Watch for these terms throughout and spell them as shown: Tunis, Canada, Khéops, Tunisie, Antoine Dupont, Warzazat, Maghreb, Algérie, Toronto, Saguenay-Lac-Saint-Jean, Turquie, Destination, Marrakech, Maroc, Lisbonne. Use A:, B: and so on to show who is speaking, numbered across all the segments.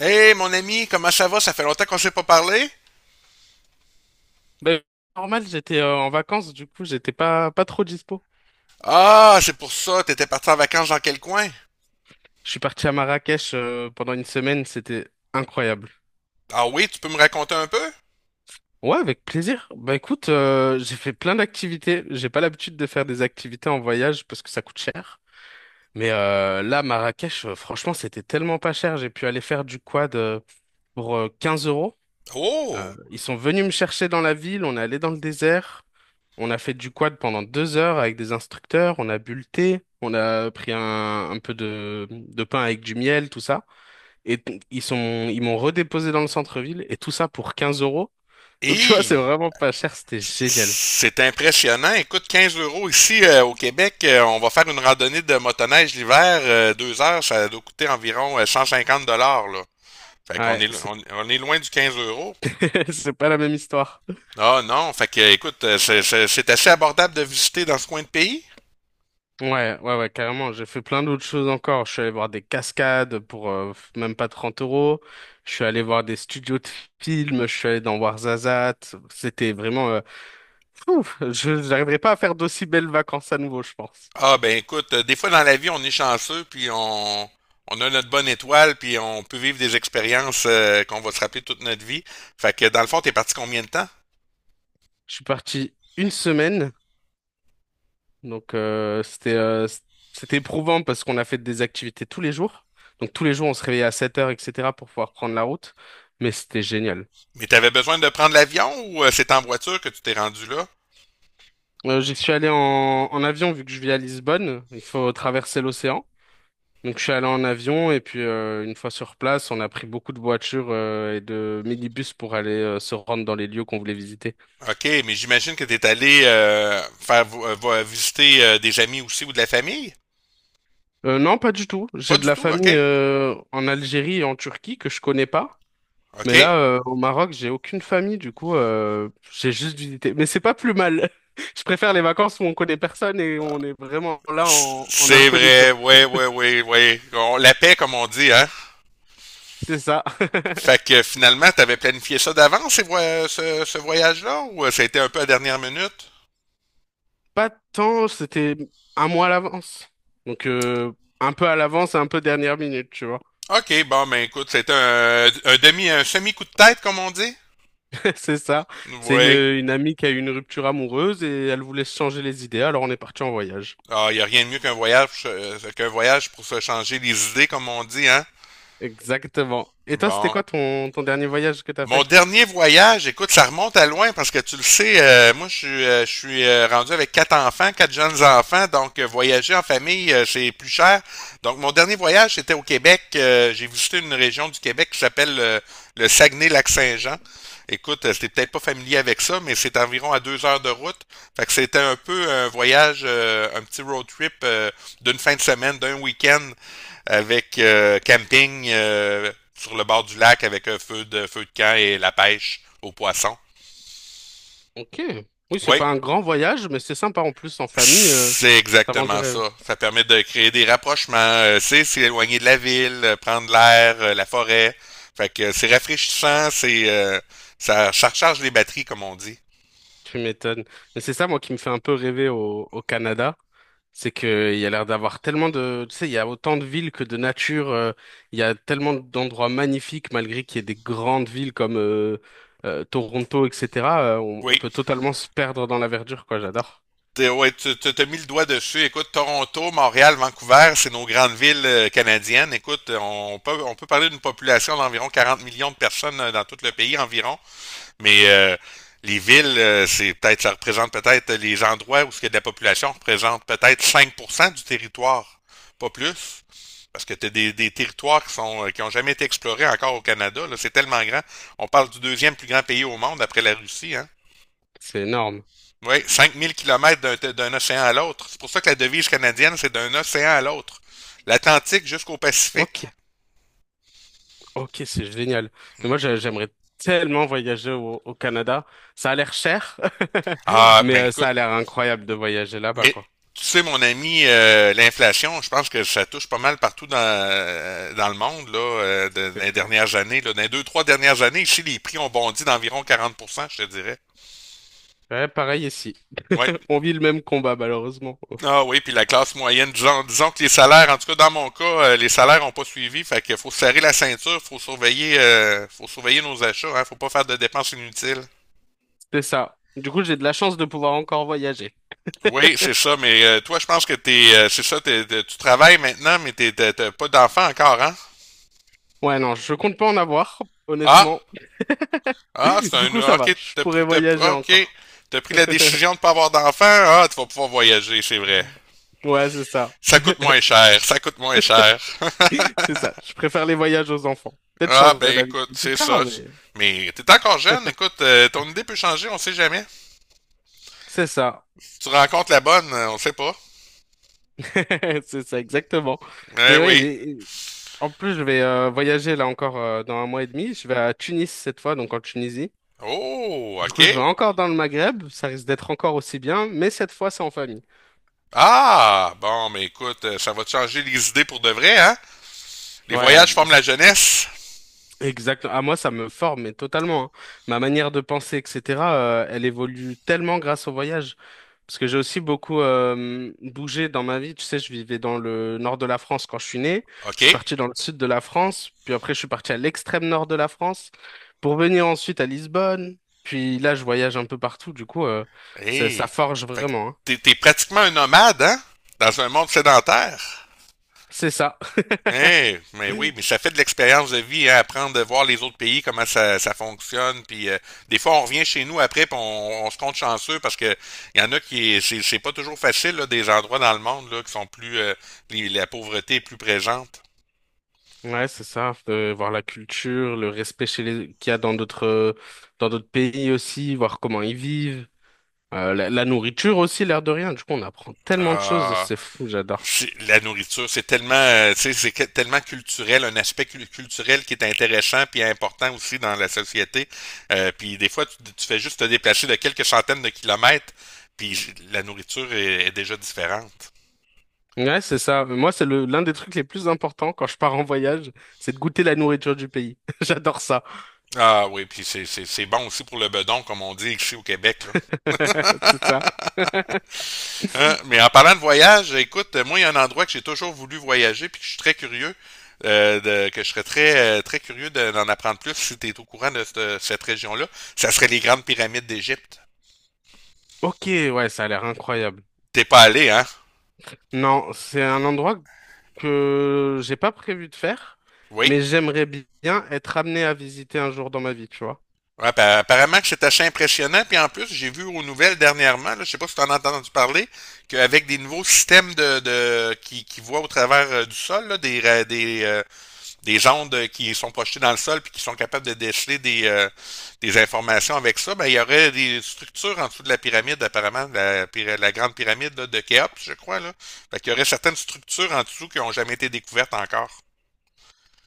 A: Hey, mon ami, comment ça va? Ça fait longtemps qu'on s'est pas parlé?
B: Ben, normal, j'étais en vacances, du coup, j'étais pas trop dispo.
A: Ah, c'est pour ça, t'étais parti en vacances dans quel coin?
B: Je suis parti à Marrakech pendant une semaine, c'était incroyable.
A: Ah oui, tu peux me raconter un peu?
B: Ouais, avec plaisir. Bah écoute, j'ai fait plein d'activités. J'ai pas l'habitude de faire des activités en voyage parce que ça coûte cher. Mais là, Marrakech, franchement, c'était tellement pas cher. J'ai pu aller faire du quad pour 15 euros.
A: Oh!
B: Ils sont venus me chercher dans la ville, on est allé dans le désert, on a fait du quad pendant 2 heures avec des instructeurs, on a bu le thé, on a pris un peu de pain avec du miel, tout ça. Et ils m'ont redéposé dans le centre-ville et tout ça pour 15 euros. Donc tu vois, c'est
A: Hi!
B: vraiment pas cher, c'était génial.
A: C'est impressionnant. Écoute, 15 euros ici au Québec, on va faire une randonnée de motoneige l'hiver, 2 heures, ça doit coûter environ 150 dollars là. Fait qu'on
B: Ouais,
A: est,
B: c'est
A: on, on est loin du 15 euros.
B: c'est pas la même histoire.
A: Ah non, fait que écoute, c'est assez abordable de visiter dans ce coin de pays.
B: Ouais, ouais, ouais, carrément. J'ai fait plein d'autres choses encore. Je suis allé voir des cascades pour même pas 30 euros. Je suis allé voir des studios de films. Je suis allé dans Warzazat. C'était vraiment ouf, je j'arriverai pas à faire d'aussi belles vacances à nouveau, je pense.
A: Ah ben écoute, des fois dans la vie, on est chanceux, puis on a notre bonne étoile, puis on peut vivre des expériences qu'on va se rappeler toute notre vie. Fait que dans le fond, t'es parti combien de temps?
B: Je suis parti une semaine. Donc, c'était c'était éprouvant parce qu'on a fait des activités tous les jours. Donc, tous les jours, on se réveillait à 7 heures, etc. pour pouvoir prendre la route. Mais c'était génial.
A: Mais t'avais besoin de prendre l'avion ou c'est en voiture que tu t'es rendu là?
B: J'y suis allé en avion vu que je vis à Lisbonne. Il faut traverser l'océan. Donc je suis allé en avion et puis une fois sur place, on a pris beaucoup de voitures et de minibus pour aller se rendre dans les lieux qu'on voulait visiter.
A: OK, mais j'imagine que t'es allé visiter des amis aussi ou de la famille?
B: Non, pas du tout.
A: Pas
B: J'ai de
A: du
B: la
A: tout,
B: famille
A: OK?
B: en Algérie et en Turquie que je connais pas. Mais
A: OK.
B: là, au Maroc, j'ai aucune famille, du coup, j'ai juste visité. Mais c'est pas plus mal. Je préfère les vacances où on connaît personne et on est vraiment là en
A: C'est vrai,
B: incognito.
A: ouais, ouais, ouais, ouais. La paix, comme on dit, hein?
B: C'est ça.
A: Fait que finalement, t'avais planifié ça d'avance, ce voyage-là, ou ça a été un peu à dernière minute?
B: Pas tant, c'était un mois à l'avance. Donc un peu à l'avance et un peu dernière minute, tu vois.
A: OK, bon, ben écoute, c'est un demi, un semi-coup de tête, comme on dit?
B: C'est ça. C'est une,
A: Oui.
B: une amie qui a eu une rupture amoureuse et elle voulait se changer les idées, alors on est parti en voyage.
A: Ah, y a rien de mieux qu'un voyage pour se changer les idées, comme on dit, hein?
B: Exactement. Et toi, c'était
A: Bon.
B: quoi ton dernier voyage que t'as
A: Mon
B: fait?
A: dernier voyage, écoute, ça remonte à loin parce que tu le sais, moi je suis rendu avec quatre enfants, quatre jeunes enfants, donc voyager en famille, c'est plus cher. Donc mon dernier voyage, c'était au Québec. J'ai visité une région du Québec qui s'appelle le Saguenay-Lac-Saint-Jean. Écoute, t'es peut-être pas familier avec ça, mais c'est environ à 2 heures de route. Fait que c'était un peu un voyage, un petit road trip d'une fin de semaine, d'un week-end avec camping sur le bord du lac avec un feu de camp et la pêche aux poissons.
B: Ok. Oui, c'est
A: Oui,
B: pas un grand voyage, mais c'est sympa en plus en famille.
A: c'est
B: Ça vend du
A: exactement
B: rêve.
A: ça. Ça permet de créer des rapprochements. C'est s'éloigner de la ville, prendre l'air, la forêt. Fait que c'est rafraîchissant, c'est ça recharge les batteries, comme on dit.
B: Tu m'étonnes. Mais c'est ça, moi, qui me fait un peu rêver au Canada. C'est qu'il y a l'air d'avoir tellement de. Tu sais, il y a autant de villes que de nature. Il y a tellement d'endroits magnifiques, malgré qu'il y ait des grandes villes comme Toronto, etc. On
A: Oui.
B: peut totalement se perdre dans la verdure, quoi. J'adore.
A: Ouais, t'as mis le doigt dessus. Écoute, Toronto, Montréal, Vancouver, c'est nos grandes villes canadiennes. Écoute, on peut parler d'une population d'environ 40 millions de personnes dans tout le pays environ. Mais les villes, c'est peut-être, ça représente peut-être les endroits où ce qu'il y a de la population représente peut-être 5% du territoire, pas plus. Parce que tu as des territoires qui sont qui ont jamais été explorés encore au Canada là. C'est tellement grand. On parle du deuxième plus grand pays au monde après la Russie, hein.
B: C'est énorme.
A: Oui, 5 000 kilomètres d'un océan à l'autre. C'est pour ça que la devise canadienne, c'est d'un océan à l'autre. L'Atlantique jusqu'au
B: Ok,
A: Pacifique.
B: ok, c'est génial. Mais moi, j'aimerais tellement voyager au Canada. Ça a l'air cher,
A: Ah,
B: mais
A: ben
B: ça
A: écoute,
B: a l'air incroyable de voyager là-bas,
A: mais
B: quoi.
A: tu sais, mon ami, l'inflation, je pense que ça touche pas mal partout dans le monde, là, dans
B: C'est
A: les
B: clair.
A: dernières années. Là. Dans les deux, trois dernières années, ici, les prix ont bondi d'environ 40% je te dirais.
B: Ouais, pareil ici.
A: Oui.
B: On vit le même combat, malheureusement.
A: Ah oui, puis la classe moyenne, disons que les salaires, en tout cas dans mon cas, les salaires n'ont pas suivi, fait qu'il faut serrer la ceinture, faut surveiller nos achats, hein, faut pas faire de dépenses inutiles.
B: C'est ça. Du coup, j'ai de la chance de pouvoir encore voyager.
A: Oui, c'est ça, mais toi, je pense que t'es, c'est ça, t'es- t'es- tu travailles maintenant, mais t'as pas d'enfant encore, hein?
B: Ouais, non, je compte pas en avoir,
A: Ah,
B: honnêtement.
A: Ah, c'est
B: Du
A: un.
B: coup, ça va.
A: Ok,
B: Je pourrais voyager
A: ok,
B: encore.
A: t'as pris la décision de pas avoir d'enfant. Ah, tu vas pouvoir voyager, c'est vrai.
B: Ouais, c'est ça.
A: Ça coûte moins cher, ça coûte moins cher.
B: C'est ça. Je préfère les voyages aux enfants. Peut-être je
A: Ah,
B: changerai
A: ben
B: d'avis
A: écoute,
B: plus
A: c'est
B: tard,
A: ça.
B: mais
A: Mais t'es encore jeune, écoute, ton idée peut changer, on sait jamais.
B: c'est ça.
A: Tu rencontres la bonne, on sait pas.
B: C'est ça, exactement.
A: Eh
B: Mais oui,
A: oui.
B: en plus, je vais voyager là encore dans un mois et demi. Je vais à Tunis cette fois, donc en Tunisie.
A: Oh,
B: Du coup, je vais
A: ok.
B: encore dans le Maghreb, ça risque d'être encore aussi bien, mais cette fois, c'est en famille.
A: Ah, bon, mais écoute, ça va te changer les idées pour de vrai, hein? Les
B: Ouais,
A: voyages forment la jeunesse.
B: exactement. À moi, ça me forme, mais totalement, hein. Ma manière de penser, etc., elle évolue tellement grâce au voyage. Parce que j'ai aussi beaucoup bougé dans ma vie. Tu sais, je vivais dans le nord de la France quand je suis né. Je
A: Ok.
B: suis parti dans le sud de la France, puis après, je suis parti à l'extrême nord de la France pour venir ensuite à Lisbonne. Puis là, je voyage un peu partout. Du coup, ça, ça
A: Eh.
B: forge
A: Fait que
B: vraiment, hein.
A: t'es pratiquement un nomade, hein? Dans un monde sédentaire.
B: C'est ça.
A: Eh, mais oui, mais ça fait de l'expérience de vie, hein, apprendre de voir les autres pays, comment ça fonctionne. Puis des fois, on revient chez nous après, puis on se compte chanceux parce que il y en a qui c'est pas toujours facile là, des endroits dans le monde là, qui sont plus la pauvreté est plus présente.
B: Ouais, c'est ça, de voir la culture, le respect chez les, qu'il y a dans d'autres pays aussi, voir comment ils vivent. La nourriture aussi, l'air de rien. Du coup, on apprend tellement de choses,
A: Ah,
B: c'est fou, j'adore.
A: la nourriture, c'est tellement, tu sais, c'est tellement culturel, un aspect culturel qui est intéressant puis important aussi dans la société. Puis des fois, tu fais juste te déplacer de quelques centaines de kilomètres, puis la nourriture est déjà différente.
B: Ouais, c'est ça. Moi, c'est le l'un des trucs les plus importants quand je pars en voyage, c'est de goûter la nourriture du pays. J'adore ça.
A: Ah oui, puis c'est bon aussi pour le bedon, comme on dit ici au Québec, là.
B: C'est ça.
A: Hein, mais en parlant de voyage, écoute, moi, il y a un endroit que j'ai toujours voulu voyager puis que je suis très curieux, que je serais très, très curieux d'en apprendre plus si tu es au courant de cette région-là. Ça serait les grandes pyramides d'Égypte.
B: Ok, ouais, ça a l'air incroyable.
A: T'es pas allé, hein?
B: Non, c'est un endroit que j'ai pas prévu de faire,
A: Oui.
B: mais j'aimerais bien être amené à visiter un jour dans ma vie, tu vois.
A: Ouais, apparemment que c'est assez impressionnant. Puis en plus, j'ai vu aux nouvelles dernièrement, là, je sais pas si tu en as entendu parler, qu'avec des nouveaux systèmes de qui voient au travers du sol, là, des ondes qui sont projetées dans le sol puis qui sont capables de déceler des informations avec ça, ben, il y aurait des structures en dessous de la pyramide, apparemment, la grande pyramide là, de Khéops, je crois. Là. Fait qu'il y aurait certaines structures en dessous qui n'ont jamais été découvertes encore.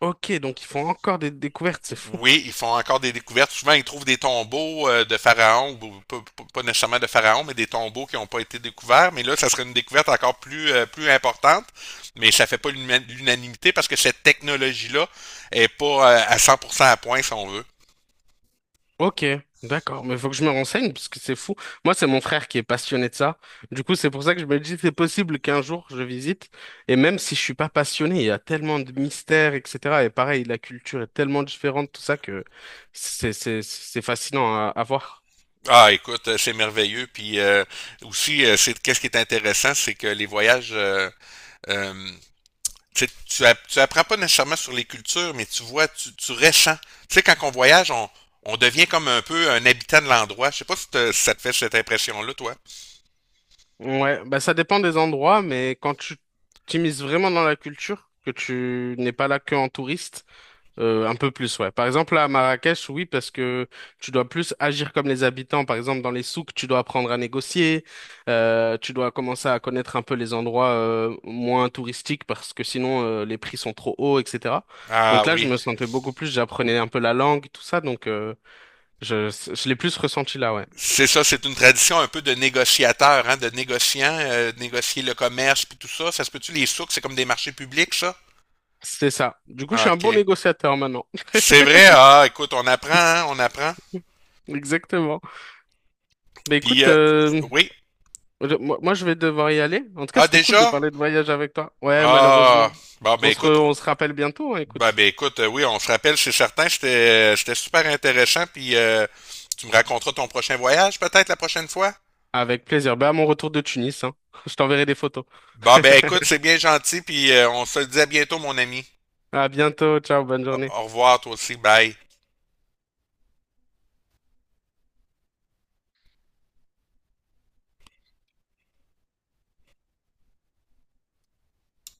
B: Ok, donc ils font encore des découvertes, c'est fou.
A: Oui, ils font encore des découvertes. Souvent, ils trouvent des tombeaux de pharaons, ou pas, pas nécessairement de pharaons, mais des tombeaux qui n'ont pas été découverts. Mais là, ça serait une découverte encore plus, plus importante. Mais ça fait pas l'unanimité parce que cette technologie-là est pas à 100% à point, si on veut.
B: Ok, d'accord, mais faut que je me renseigne parce que c'est fou. Moi, c'est mon frère qui est passionné de ça. Du coup, c'est pour ça que je me dis c'est possible qu'un jour je visite. Et même si je suis pas passionné, il y a tellement de mystères, etc. Et pareil, la culture est tellement différente, tout ça que c'est fascinant à voir.
A: Ah, écoute, c'est merveilleux. Puis aussi, c'est qu'est-ce qui est intéressant, c'est que les voyages, euh, tu apprends pas nécessairement sur les cultures, mais tu vois, tu ressens. Tu sais, quand on voyage, on devient comme un peu un habitant de l'endroit. Je sais pas si, si ça te fait cette impression-là, toi.
B: Ouais, bah ça dépend des endroits, mais quand tu t'immisces vraiment dans la culture, que tu n'es pas là que en touriste. Un peu plus, ouais. Par exemple, là, à Marrakech, oui, parce que tu dois plus agir comme les habitants. Par exemple, dans les souks, tu dois apprendre à négocier. Tu dois commencer à connaître un peu les endroits moins touristiques parce que sinon, les prix sont trop hauts, etc. Donc
A: Ah
B: là, je
A: oui.
B: me sentais beaucoup plus, j'apprenais un peu la langue, tout ça. Donc, je l'ai plus ressenti là, ouais.
A: C'est ça, c'est une tradition un peu de négociateur, hein, de négociant, de négocier le commerce puis tout ça. Ça se peut-tu les souks, c'est comme des marchés publics, ça?
B: C'est ça. Du coup, je
A: Ah,
B: suis un bon
A: OK.
B: négociateur maintenant.
A: C'est vrai, ah, écoute, on apprend, hein, on apprend.
B: Exactement. Bah
A: Puis,
B: écoute,
A: oui.
B: Moi, moi, je vais devoir y aller. En tout cas,
A: Ah,
B: c'était cool de
A: déjà?
B: parler de voyage avec toi. Ouais, malheureusement.
A: Ah, bon, ben écoute,
B: On se rappelle bientôt, hein,
A: Ben,
B: écoute.
A: ben écoute, oui, on se rappelle, c'est certain, c'était super intéressant, puis tu me raconteras ton prochain voyage peut-être la prochaine fois?
B: Avec plaisir. Bah, à mon retour de Tunis, hein. Je t'enverrai des photos.
A: Ben écoute, c'est bien gentil, puis on se le dit à bientôt, mon ami.
B: À bientôt. Ciao, bonne
A: Au
B: journée.
A: au revoir, toi aussi, bye.